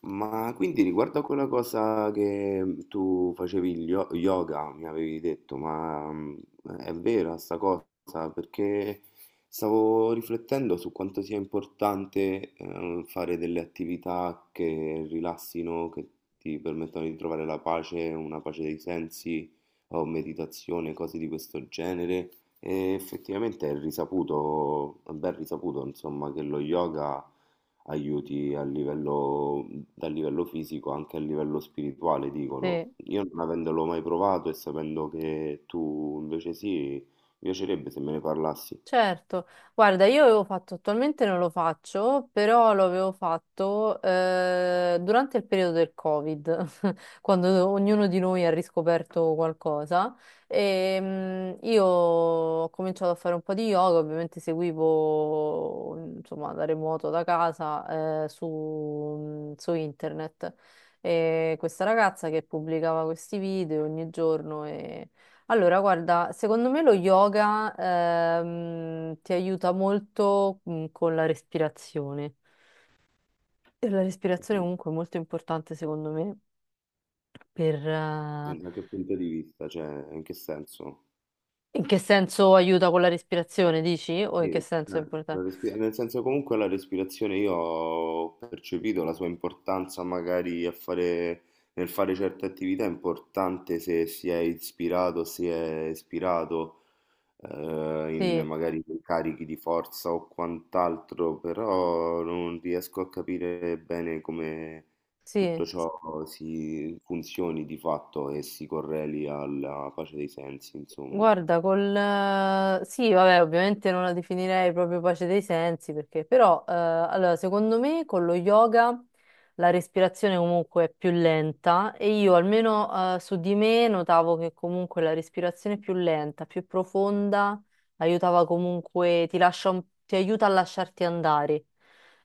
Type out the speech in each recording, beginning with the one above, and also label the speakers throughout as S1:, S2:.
S1: Ma quindi riguardo a quella cosa che tu facevi il yoga, mi avevi detto, è vera sta cosa? Perché stavo riflettendo su quanto sia importante fare delle attività che rilassino, che ti permettano di trovare la pace, una pace dei sensi, o meditazione, cose di questo genere. E effettivamente è risaputo, è ben risaputo, insomma, che lo yoga aiuti a livello, dal livello fisico anche a livello spirituale, dicono.
S2: Sì,
S1: Io non avendolo mai provato e sapendo che tu invece sì, mi piacerebbe se me ne parlassi.
S2: certo. Guarda, io avevo fatto, attualmente non lo faccio, però lo avevo fatto durante il periodo del Covid. Quando ognuno di noi ha riscoperto qualcosa. E, io ho cominciato a fare un po' di yoga, ovviamente seguivo insomma da remoto da casa su internet. E questa ragazza che pubblicava questi video ogni giorno e allora, guarda, secondo me lo yoga ti aiuta molto con la respirazione. E la respirazione
S1: Mhm.
S2: comunque è molto importante secondo me per.
S1: Da che punto di vista? Cioè, in che senso?
S2: In che senso aiuta con la respirazione, dici? O
S1: Sì,
S2: in che senso è importante?
S1: nel senso comunque la respirazione io ho percepito la sua importanza magari a fare, nel fare certe attività, è importante se si è ispirato, in
S2: Sì,
S1: magari carichi di forza o quant'altro, però non riesco a capire bene come
S2: sì.
S1: tutto ciò si funzioni di fatto e si correli alla pace dei sensi, insomma.
S2: Guarda, sì, vabbè, ovviamente non la definirei proprio pace dei sensi, perché però, allora, secondo me con lo yoga la respirazione comunque è più lenta e io almeno su di me notavo che comunque la respirazione più lenta, più profonda, aiutava comunque, ti lascia ti aiuta a lasciarti andare,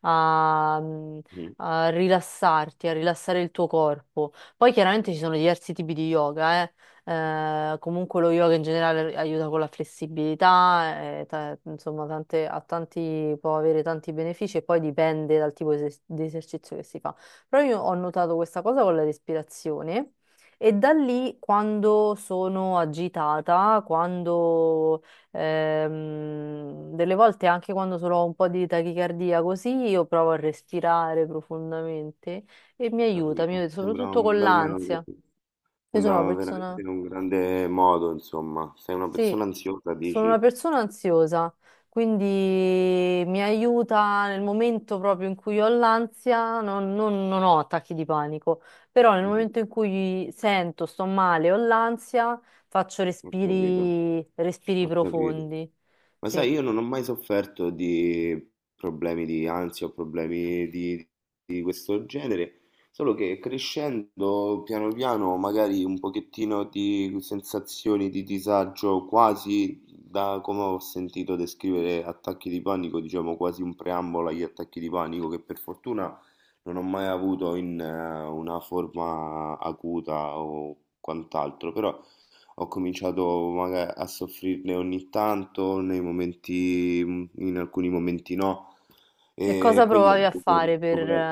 S2: a
S1: Mm,
S2: a rilassarti, a rilassare il tuo corpo. Poi chiaramente ci sono diversi tipi di yoga, eh. Comunque lo yoga in generale aiuta con la flessibilità, insomma, può avere tanti benefici e poi dipende dal tipo di esercizio che si fa. Però io ho notato questa cosa con la respirazione e da lì quando sono agitata, quando delle volte anche quando solo ho un po' di tachicardia così, io provo a respirare profondamente e mi
S1: capito.
S2: aiuta
S1: Sembra
S2: soprattutto
S1: un
S2: con
S1: bel
S2: l'ansia.
S1: metodo.
S2: Io sono una
S1: Sembrava veramente
S2: persona,
S1: un grande modo, insomma. Sei una
S2: sì,
S1: persona ansiosa,
S2: sono una
S1: dici?
S2: persona ansiosa, quindi mi aiuta nel momento proprio in cui ho l'ansia, non ho attacchi di panico, però nel
S1: Mhm.
S2: momento in cui sento, sto male, ho l'ansia, faccio
S1: Ho capito,
S2: respiri, respiri
S1: ho capito.
S2: profondi.
S1: Ma
S2: Sì.
S1: sai, io non ho mai sofferto di problemi di ansia o problemi di questo genere, solo che crescendo piano piano magari un pochettino di sensazioni di disagio, quasi da come ho sentito descrivere attacchi di panico, diciamo quasi un preambolo agli attacchi di panico, che per fortuna non ho mai avuto in una forma acuta o quant'altro, però ho cominciato maga a soffrirne ogni tanto, nei momenti in alcuni momenti no,
S2: E
S1: e
S2: cosa
S1: quindi ho
S2: provavi a
S1: dovuto
S2: fare
S1: ricoprire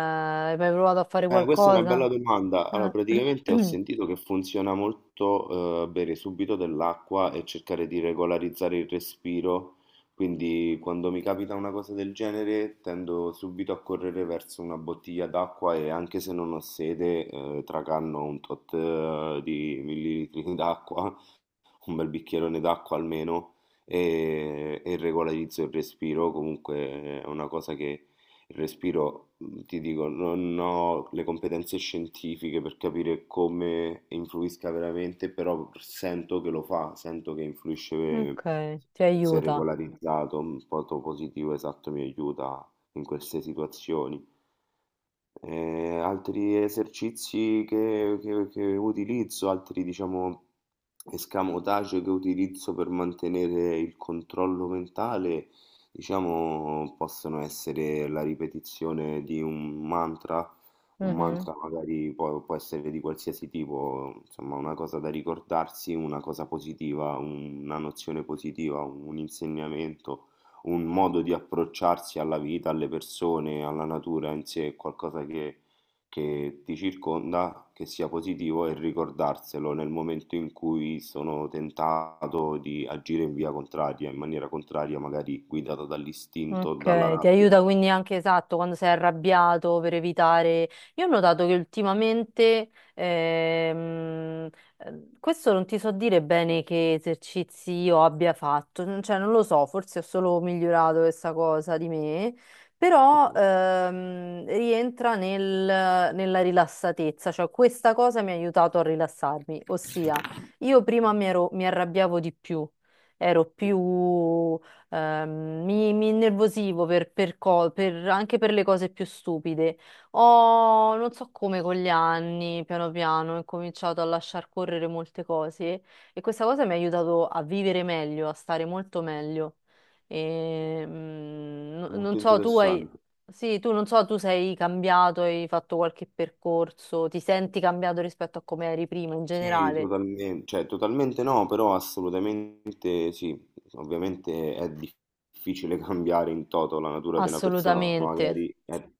S2: hai mai provato a fare
S1: questa è una
S2: qualcosa?
S1: bella domanda. Allora,
S2: Ah,
S1: praticamente ho sentito che funziona molto, bere subito dell'acqua e cercare di regolarizzare il respiro, quindi quando mi capita una cosa del genere tendo subito a correre verso una bottiglia d'acqua e anche se non ho sede, tracanno un tot di millilitri d'acqua, un bel bicchierone d'acqua almeno, e regolarizzo il respiro. Comunque è una cosa che il respiro, ti dico, non ho le competenze scientifiche per capire come influisca veramente, però sento che lo fa, sento che influisce
S2: Ok, ti
S1: se
S2: aiuta.
S1: regolarizzato, un po' positivo, esatto, mi aiuta in queste situazioni. Altri esercizi che utilizzo, altri diciamo escamotage che utilizzo per mantenere il controllo mentale, diciamo possono essere la ripetizione di un
S2: Mhm.
S1: mantra magari può essere di qualsiasi tipo, insomma una cosa da ricordarsi, una cosa positiva, una nozione positiva, un insegnamento, un modo di approcciarsi alla vita, alle persone, alla natura in sé, è qualcosa che ti circonda, che sia positivo, e ricordarselo nel momento in cui sono tentato di agire in via contraria, in maniera contraria, magari guidato dall'istinto o dalla
S2: Ok, ti
S1: rabbia. È
S2: aiuta quindi anche esatto quando sei arrabbiato per evitare. Io ho notato che ultimamente, questo non ti so dire bene che esercizi io abbia fatto, cioè non lo so, forse ho solo migliorato questa cosa di me, però rientra nella rilassatezza, cioè questa cosa mi ha aiutato a rilassarmi, ossia io prima mi arrabbiavo di più, ero più. Mi innervosivo anche per le cose più stupide. Ho, non so come, con gli anni, piano piano, ho incominciato a lasciar correre molte cose e questa cosa mi ha aiutato a vivere meglio, a stare molto meglio. E,
S1: molto
S2: non so, tu hai...
S1: interessante.
S2: Sì, tu non so, tu sei cambiato, hai fatto qualche percorso, ti senti cambiato rispetto a come eri prima in
S1: Sì,
S2: generale?
S1: totalmente, cioè totalmente no, però assolutamente sì. Ovviamente è difficile cambiare in toto la natura di una persona,
S2: Assolutamente,
S1: magari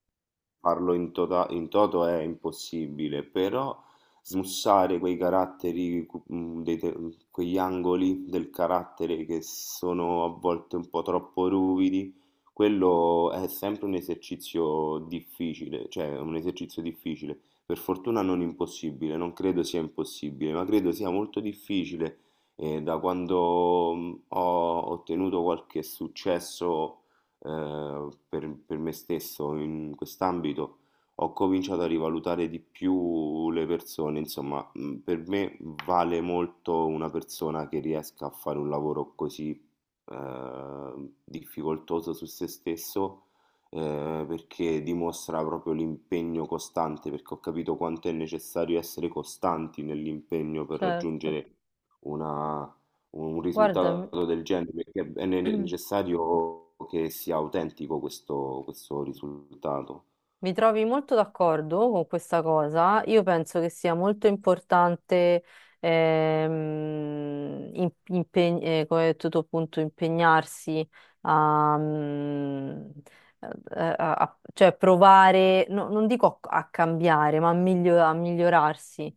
S1: farlo in toto è impossibile, però smussare quei caratteri, quegli angoli del carattere che sono a volte un po' troppo ruvidi, quello è sempre un esercizio difficile, cioè un esercizio difficile. Per fortuna non impossibile, non credo sia impossibile, ma credo sia molto difficile e da quando ho ottenuto qualche successo per me stesso in quest'ambito, ho cominciato a rivalutare di più le persone. Insomma, per me vale molto una persona che riesca a fare un lavoro così difficoltoso su se stesso, perché dimostra proprio l'impegno costante, perché ho capito quanto è necessario essere costanti nell'impegno per
S2: certo.
S1: raggiungere una- un
S2: Guarda,
S1: risultato del genere, perché è necessario che sia autentico questo, questo risultato.
S2: mi trovi molto d'accordo con questa cosa. Io penso che sia molto importante come hai detto tu, appunto, impegnarsi a, mm, a- a- a- cioè provare, non dico a cambiare, ma a a migliorarsi.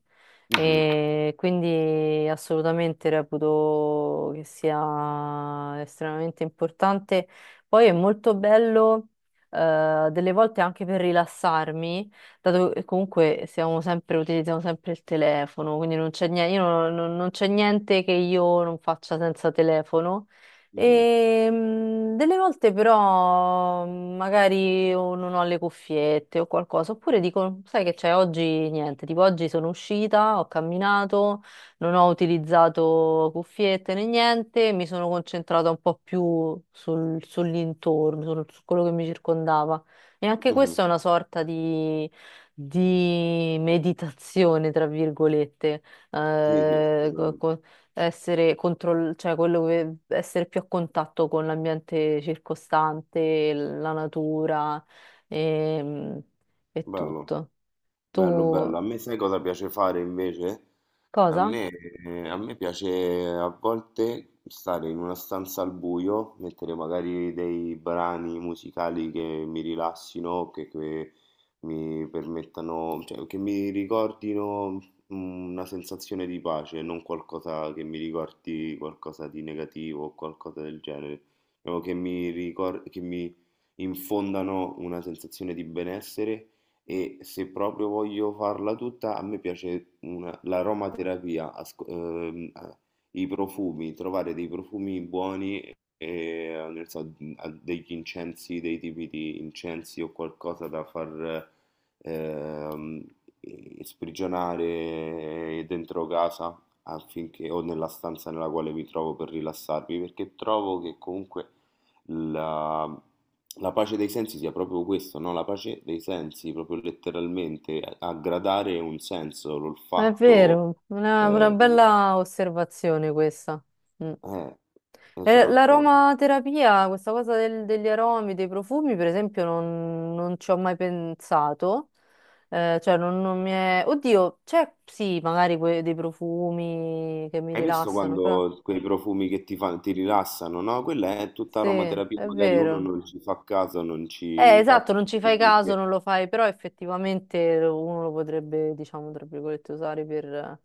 S1: Mhm,
S2: E quindi assolutamente reputo che sia estremamente importante. Poi è molto bello, delle volte anche per rilassarmi, dato che comunque siamo sempre, utilizziamo sempre il telefono, quindi non c'è niente, io non, non- non c'è niente che io non faccia senza telefono.
S1: mhm,
S2: E, delle volte però magari o non ho le cuffiette o qualcosa, oppure dico, sai che c'è, oggi niente, tipo oggi sono uscita, ho camminato, non ho utilizzato cuffiette né niente, mi sono concentrata un po' più sull'intorno, su quello che mi circondava. E anche
S1: mhm.
S2: questa è una sorta di meditazione, tra virgolette.
S1: Sì, sì,
S2: Eh, co-
S1: assolutamente.
S2: co- essere cioè essere più a contatto con l'ambiente circostante, la natura ehm, e,
S1: Bello,
S2: tutto.
S1: bello, bello.
S2: Tu
S1: A me sai cosa piace fare invece? A
S2: cosa?
S1: me, a me piace a volte stare in una stanza al buio, mettere magari dei brani musicali che mi rilassino, che mi permettano, cioè che mi ricordino una sensazione di pace, non qualcosa che mi ricordi qualcosa di negativo o qualcosa del genere, o che mi infondano una sensazione di benessere, e se proprio voglio farla tutta, a me piace l'aromaterapia, i profumi, trovare dei profumi buoni, e, nel senso, degli incensi, dei tipi di incensi o qualcosa da far ehm, sprigionare dentro casa affinché, o nella stanza nella quale mi trovo per rilassarmi, perché trovo che comunque la, la pace dei sensi sia proprio questo, no? La pace dei sensi, proprio letteralmente, a gradare un senso,
S2: È
S1: l'olfatto.
S2: vero, una
S1: Eh,
S2: bella osservazione questa. Mm.
S1: eh, esatto.
S2: L'aromaterapia, questa cosa degli aromi, dei profumi, per esempio, non ci ho mai pensato. Cioè, non mi è... Oddio, c'è sì, magari dei profumi che mi
S1: Hai visto
S2: rilassano, però...
S1: quando quei profumi che ti fanno, ti rilassano, no? Quella è tutta
S2: Sì, è
S1: aromaterapia, magari uno
S2: vero.
S1: non ci fa caso, non
S2: Eh,
S1: ci fa
S2: esatto, non ci fai
S1: attenzione,
S2: caso,
S1: perché
S2: non lo fai, però effettivamente uno lo potrebbe, diciamo, tra virgolette, usare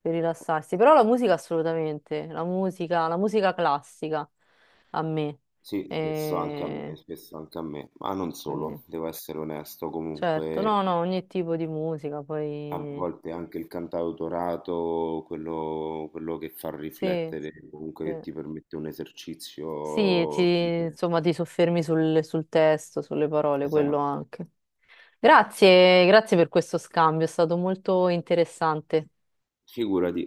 S2: per rilassarsi. Però la musica assolutamente, la musica classica a me.
S1: sì, spesso anche a me,
S2: Eh,
S1: spesso anche a me, ma non
S2: quindi,
S1: solo, devo essere onesto
S2: certo,
S1: comunque.
S2: no, no, ogni tipo di musica,
S1: A
S2: poi
S1: volte anche il cantautorato, quello che fa
S2: sì,
S1: riflettere, comunque
S2: sì,
S1: che ti permette un
S2: sì, ti,
S1: esercizio sempre.
S2: insomma, ti soffermi sul testo, sulle parole, quello
S1: Esatto.
S2: anche. Grazie, grazie per questo scambio, è stato molto interessante.
S1: Figurati,